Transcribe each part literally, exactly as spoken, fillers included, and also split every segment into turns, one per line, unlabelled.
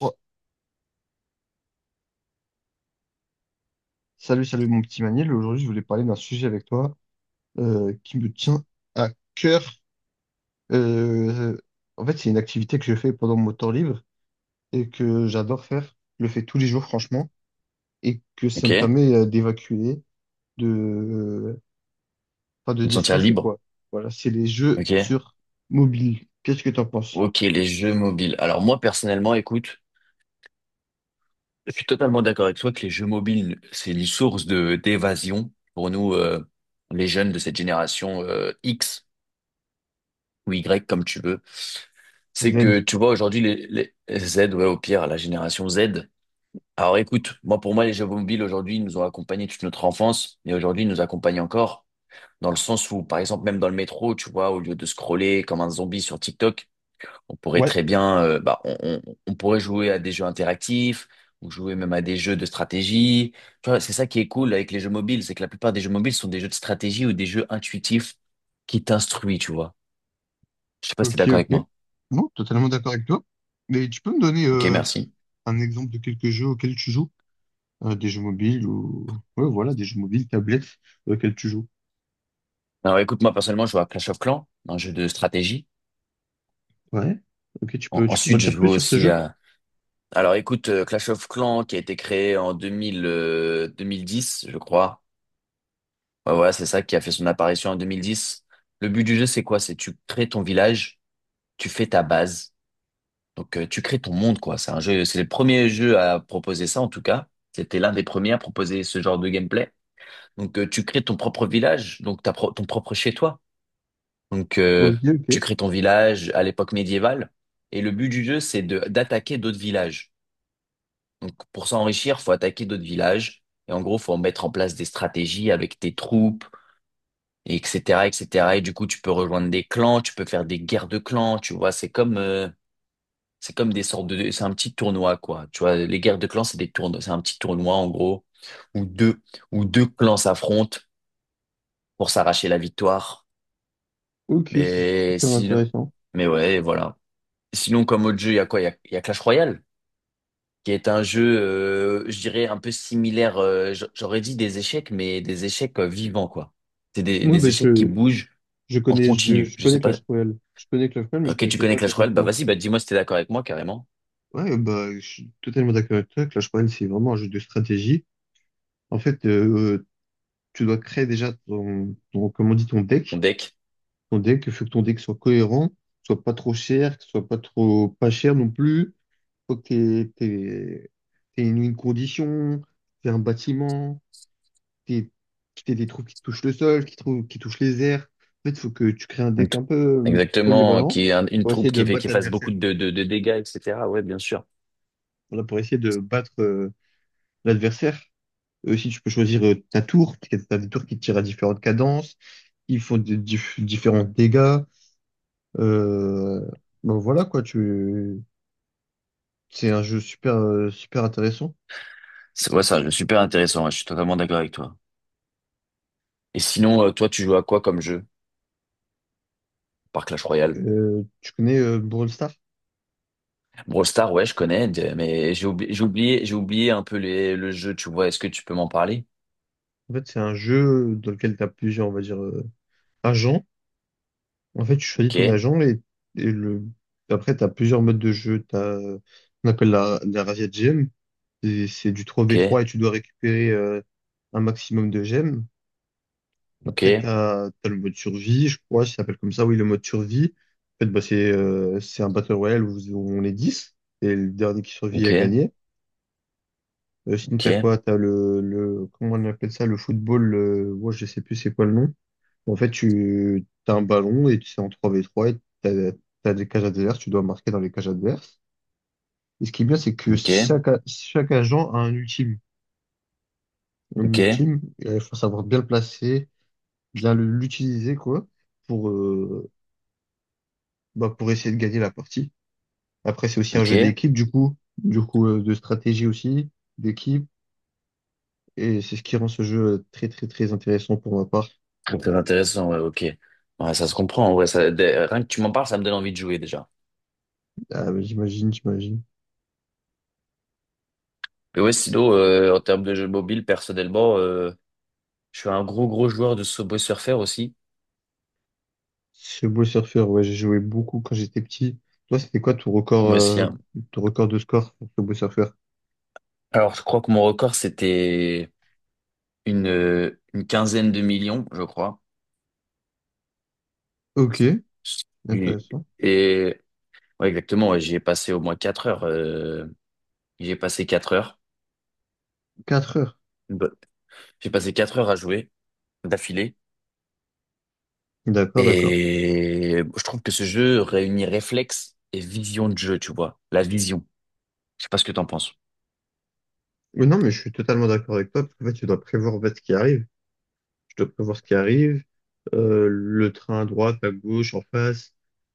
Ouais. Salut, salut mon petit Maniel. Aujourd'hui, je voulais parler d'un sujet avec toi euh, qui me tient à cœur. Euh, en fait, c'est une activité que je fais pendant mon temps libre et que j'adore faire. Je le fais tous les jours, franchement, et que ça me
Ok.
permet euh, d'évacuer, de, euh, enfin, de
De te sentir
déstresser,
libre.
quoi. Voilà, c'est les jeux
Ok.
sur mobile. Qu'est-ce que t'en penses?
Ok, les jeux mobiles. Alors moi, personnellement, écoute, je suis totalement d'accord avec toi que les jeux mobiles, c'est une source de d'évasion pour nous, euh, les jeunes de cette génération euh, X ou Y, comme tu veux. C'est que,
Z.
tu vois, aujourd'hui, les, les Z, ouais, au pire, la génération Z. Alors écoute, moi, pour moi, les jeux mobiles, aujourd'hui, ils nous ont accompagnés toute notre enfance et aujourd'hui, ils nous accompagnent encore. Dans le sens où, par exemple, même dans le métro, tu vois, au lieu de scroller comme un zombie sur TikTok, on pourrait
Ouais,
très bien, euh, bah, on, on- on pourrait jouer à des jeux interactifs ou jouer même à des jeux de stratégie. Tu vois, c'est ça qui est cool avec les jeux mobiles, c'est que la plupart des jeux mobiles sont des jeux de stratégie ou des jeux intuitifs qui t'instruisent, tu vois. Je sais pas si t'es
ok,
d'accord avec
ok.
moi.
Non, totalement d'accord avec toi. Mais tu peux me donner
Ok,
euh,
merci.
un exemple de quelques jeux auxquels tu joues? Euh, des jeux mobiles ou ouais, voilà, des jeux mobiles, tablettes euh, auxquels tu joues.
Alors écoute, moi personnellement, je joue à Clash of Clans, un jeu de stratégie.
Ouais. Ok, tu
En-
peux, tu peux m'en
ensuite, je
dire
joue
plus sur ce
aussi
jeu?
à… Alors écoute, euh, Clash of Clans qui a été créé en deux mille, euh, deux mille dix, je crois. Ouais, voilà, c'est ça qui a fait son apparition en deux mille dix. Le but du jeu, c'est quoi? C'est tu crées ton village. tu fais ta base. Donc, euh, tu crées ton monde, quoi. C'est un jeu, c'est le premier jeu à proposer ça, en tout cas. C'était l'un des premiers à proposer ce genre de gameplay. Donc, euh, tu crées ton propre village, donc ta pro- ton propre chez toi. Donc, euh,
Ok,
tu
ok.
crées ton village à l'époque médiévale. Et le but du jeu, c'est de d'attaquer d'autres villages. Donc, pour s'enrichir, faut attaquer d'autres villages. Et en gros, faut mettre en place des stratégies avec tes troupes, et etc., et cetera. Et du coup, tu peux rejoindre des clans, tu peux faire des guerres de clans. Tu vois, c'est comme, euh, c'est comme des sortes de, c'est un petit tournoi, quoi. Tu vois, les guerres de clans, c'est des tournois, c'est un petit tournoi, en gros, où deux, où deux clans s'affrontent pour s'arracher la victoire.
Ok, c'est
Mais
super
sinon,
intéressant.
mais ouais, voilà. Sinon, comme autre jeu, il y a quoi? Il y a, il y a Clash Royale, qui est un jeu, euh, je dirais, un peu similaire, euh, j- j'aurais dit des échecs, mais des échecs euh, vivants, quoi. C'est des,
Moi,
des
ben,
échecs qui
je,
bougent
je
en
connais, je,
continu.
je
Je
connais
sais pas.
Clash Royale. Je connais Clash Royale, mais je
Ok, tu
connaissais
connais
pas
Clash
Clash of
Royale? Bah,
Clans.
vas-y, bah, dis-moi si t'es d'accord avec moi, carrément.
Ouais, bah, je suis totalement d'accord avec toi. Clash Royale, c'est vraiment un jeu de stratégie. En fait, euh, tu dois créer déjà ton, ton, comment on dit, ton
Mon
deck.
deck.
Ton deck. Il faut que ton deck soit cohérent, soit pas trop cher, que soit pas trop pas cher non plus. Faut que t'aies, t'aies- t'aies une, une condition, t'aies un bâtiment, t'aies, t'aies des trous qui touchent le sol, qui, trou- qui touchent les airs. En fait, faut que tu crées un
Une
deck
tou-
un peu euh,
Exactement,
polyvalent
qui est un- une
pour essayer
troupe
de
qui fait,
battre
qui fasse beaucoup
l'adversaire.
de, de, de dégâts, et cetera. Ouais, bien sûr.
Voilà, pour essayer de battre euh, l'adversaire. Euh, Aussi, tu peux choisir euh, ta tour, parce que t'as des tours qui tirent à différentes cadences. Ils font des diff- différents dégâts. Euh, ben voilà quoi, tu c'est un jeu super, euh, super intéressant.
C'est ouais, ça, super intéressant, ouais, je suis totalement d'accord avec toi. Et sinon, euh, toi, tu joues à quoi comme jeu? Par Clash Royale?
Euh, tu connais euh, Brawl Stars?
Brawl Stars, ouais, je connais, d- mais j'ai oubli- j'ai oublié, j'ai oublié un peu les, le jeu, tu vois, est-ce que tu peux m'en parler?
En fait, c'est un jeu dans lequel tu as plusieurs, on va dire, euh, agents. En fait, tu choisis
Ok,
ton agent et, et le... après, tu as plusieurs modes de jeu. Tu as qu'on appelle la, la Razzia Gem. Et c'est du trois v
ok,
trois et tu dois récupérer euh, un maximum de gemmes.
ok,
Après, tu as, le mode survie, je crois, ça s'appelle comme ça. Oui, le mode survie. En fait, bah, c'est euh, c'est un Battle Royale où on est dix et le dernier qui survit a
ok,
gagné. Euh, sinon,
ok,
t'as quoi? T'as le, le, comment on appelle ça? Le football, le, ouais, je sais plus c'est quoi le nom. En fait, tu, t'as un ballon et tu es en trois v trois et t'as, t'as des cages adverses, tu dois marquer dans les cages adverses. Et ce qui est bien, c'est que
ok,
chaque, a- chaque agent a un ultime. Un
ok,
ultime, il faut savoir bien le placer, bien le- l'utiliser, quoi, pour, euh, bah, pour essayer de gagner la partie. Après, c'est aussi un jeu
ok.
d'équipe, du coup, du coup, euh, de stratégie aussi, d'équipe. Et c'est ce qui rend ce jeu très, très, très intéressant pour ma part.
Très, très intéressant, ouais, ok. Ouais, ça se comprend, ouais, ça, dès- rien que tu m'en parles, ça me donne envie de jouer déjà.
Ah, mais j'imagine, j'imagine.
Mais ouais, sinon, euh, en termes de jeux mobile, personnellement, euh, je suis un gros gros joueur de Subway Surfer aussi.
Beau surfeur, ouais, j'ai joué beaucoup quand j'étais petit. Toi, c'était quoi ton record,
Moi aussi,
euh,
hein.
ton record de score sur beau surfeur.
Alors, je crois que mon record, c'était une, euh, une quinzaine de millions, je crois.
Ok,
Oui.
intéressant.
Et ouais, exactement, ouais, j'y ai passé au moins quatre heures. euh, J'y ai passé quatre heures.
Quatre heures.
Bah, j'ai passé quatre heures à jouer d'affilée.
D'accord, d'accord.
Et je trouve que ce jeu réunit réflexe et vision de jeu, tu vois. La vision. Je sais pas ce que t'en penses.
Mais non, mais je suis totalement d'accord avec toi, parce qu'en fait, tu dois prévoir en fait, ce qui arrive. Tu dois prévoir ce qui arrive, euh, le train à droite, à gauche, en face,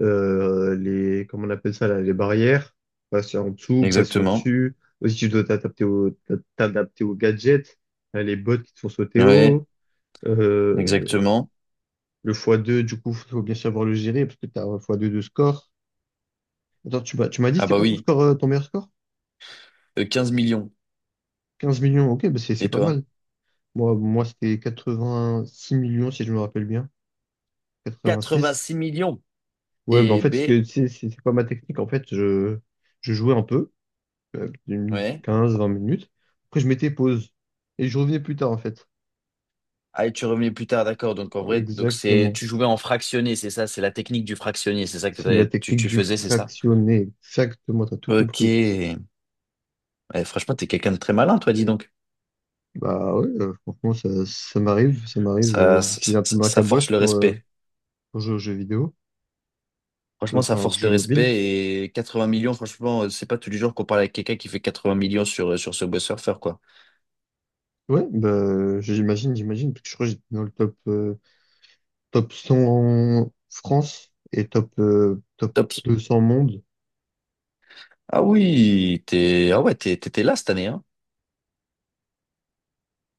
euh, les, comment on appelle ça, là, les barrières, passer en dessous, passer
Exactement.
au-dessus. Aussi, tu dois t'adapter au, t'adapter aux gadgets, euh, les bottes qui te font sauter
Ouais,
haut. Euh,
exactement.
le fois deux, du coup, faut bien savoir le gérer parce que tu as un fois deux de score. Attends, tu m'as, tu m'as dit,
Ah
c'était
bah
quoi ton
oui,
score, euh, ton meilleur score?
Euh, 15 millions.
Quinze millions, ok, bah c'est c'est
Et
pas
toi?
mal. Moi, moi c'était quatre-vingt-six millions, si je me rappelle bien. Quatre-vingt-six.
Quatre-vingt-six millions.
Ouais, bah en
Et
fait, ce
B,
que c'est c'est- c'est pas ma technique. En fait, je, je jouais un peu, euh, une
ouais.
quinze, vingt minutes. Après, je mettais pause. Et je revenais plus tard, en fait.
Ah, et tu revenais plus tard, d'accord. Donc en vrai, donc c'est
Exactement.
tu jouais en fractionné, c'est ça, c'est la technique du fractionné, c'est ça que
C'est la
t'avais- tu,
technique
tu
du
faisais, c'est ça?
fractionné. Exactement, t'as tout compris.
Ok. Ouais, franchement, t'es quelqu'un de très malin, toi, dis donc.
Bah ouais, euh, franchement, ça, ça m'arrive, ça m'arrive euh,
Ça, ça,
d'utiliser un peu
ça-
ma
ça force
caboche
le
pour, euh,
respect.
pour jouer aux jeux vidéo, euh,
Franchement, ça
enfin aux
force le
jeux mobiles.
respect et 80 millions, franchement, euh, c'est pas tous les jours qu'on parle avec quelqu'un qui fait 80 millions sur, euh, sur ce beau surfer quoi.
Ouais, bah j'imagine, j'imagine, parce que je crois que j'étais dans le top, euh, top cent en France et top, euh, top
Top.
deux cents monde.
Ah oui, t'es, ah ouais, t'es- t'étais là cette année, hein.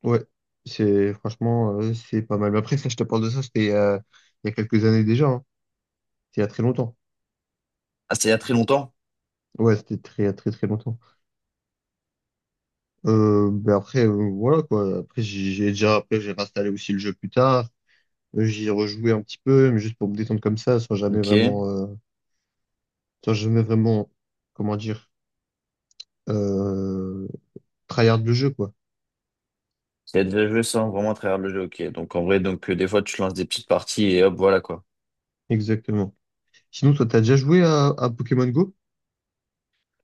Ouais, c'est franchement, euh, c'est pas mal. Mais après, ça, je te parle de ça, c'était euh, il y a quelques années déjà, hein. C'était il y a très longtemps.
Ah, c'est il y a très longtemps.
Ouais, c'était très, très, très longtemps. Euh, bah après, euh, voilà quoi. Après, j'ai j'ai déjà, après, j'ai installé aussi le jeu plus tard. J'y rejouais un petit peu, mais juste pour me détendre comme ça, sans jamais
Ok.
vraiment,
Il
euh, sans jamais vraiment, comment dire, euh, tryhard le jeu, quoi.
a déjà joué sans vraiment à travers le jeu, ok. Donc en vrai, donc euh, des fois, tu lances des petites parties et hop, voilà, quoi.
Exactement. Sinon, toi, t'as déjà joué à, à Pokémon Go?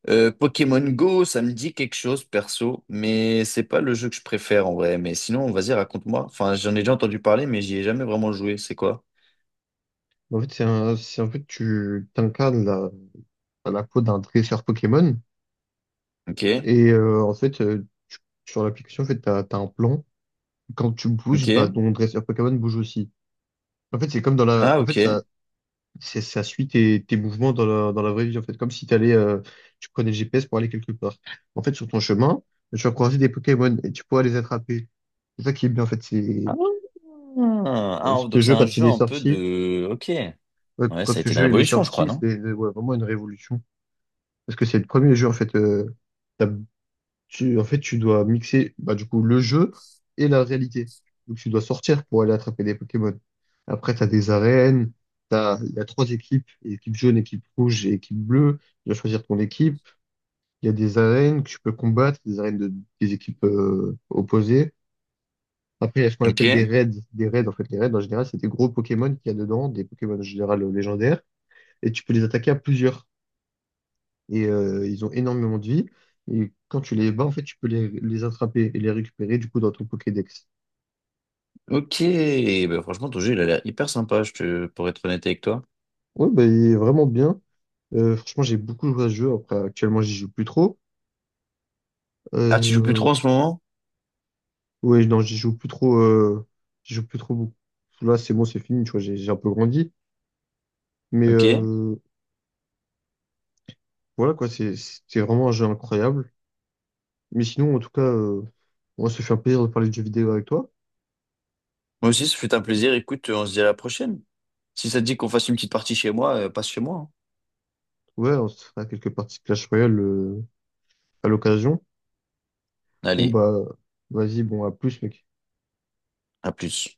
Euh, Pokémon Go, ça me dit quelque chose, perso, mais c'est pas le jeu que je préfère en vrai. Mais sinon, vas-y, raconte-moi. Enfin, j'en ai déjà entendu parler, mais j'y ai jamais vraiment joué. C'est quoi?
Bah, en fait, c'est un, c'est en fait, tu t'incarnes la, la peau d'un dresseur Pokémon,
Ok.
et euh, en fait, euh, tu- sur l'application, en fait, t'as, t'as un plan. Quand tu bouges, bah,
Ok.
ton dresseur Pokémon bouge aussi. En fait, c'est comme dans la,
Ah,
en fait,
ok.
ça, c'est- ça suit tes, tes mouvements dans la, dans la vraie vie, en fait, comme si t'allais, euh, tu prenais le G P S pour aller quelque part. En fait, sur ton chemin, tu vas croiser des Pokémon et tu pourras les attraper. C'est ça qui est bien, en fait. C'est,
Ah, ah,
euh,
ah,
ce
donc c'est
jeu,
un
quand il
jeu
est
un peu
sorti,
de… Ok.
euh,
Ouais, ça
quand
a
ce
été une
jeu il est
révolution, je crois,
sorti,
non?
c'est euh, ouais, vraiment une révolution. Parce que c'est le premier jeu, en fait, euh, tu, en fait, tu dois mixer bah, du coup le jeu et la réalité. Donc tu dois sortir pour aller attraper des Pokémon. Après, tu as des arènes, t'as, il y a trois équipes, équipe jaune, équipe rouge et équipe bleue. Tu dois choisir ton équipe. Il y a des arènes que tu peux combattre, des arènes de, des équipes euh, opposées. Après, il y a ce qu'on appelle des
Ok.
raids. Des raids, en fait, les raids, en général, c'est des gros Pokémon qu'il y a dedans, des Pokémon en général euh, légendaires. Et tu peux les attaquer à plusieurs et euh, ils ont énormément de vie. Et quand tu les bats, en fait, tu peux les, les attraper et les récupérer du coup dans ton Pokédex.
Ok. Bah, franchement, ton jeu, il a l'air hyper sympa, je te… pour être honnête avec toi.
Ouais, bah, il est vraiment bien. Euh, franchement, j'ai beaucoup joué à ce jeu. Après, actuellement, j'y joue plus trop.
Ah, tu joues plus
Euh,
trop en ce moment?
ouais, non, j'y joue plus trop. Euh, j'y joue plus trop beaucoup. Là, c'est bon, c'est fini. Tu vois, j'ai j'ai un peu grandi. Mais
Ok. Moi
euh, voilà, quoi, c'est c'est vraiment un jeu incroyable. Mais sinon, en tout cas, euh, on se fait un plaisir de parler de jeux vidéo avec toi.
aussi, ça fut un plaisir. Écoute, on se dit à la prochaine. Si ça te dit qu'on fasse une petite partie chez moi, euh, passe chez moi, hein.
Ouais, on se fera quelques parties de Clash Royale euh, à l'occasion. Bon,
Allez,
bah, vas-y, bon, à plus, mec.
à plus.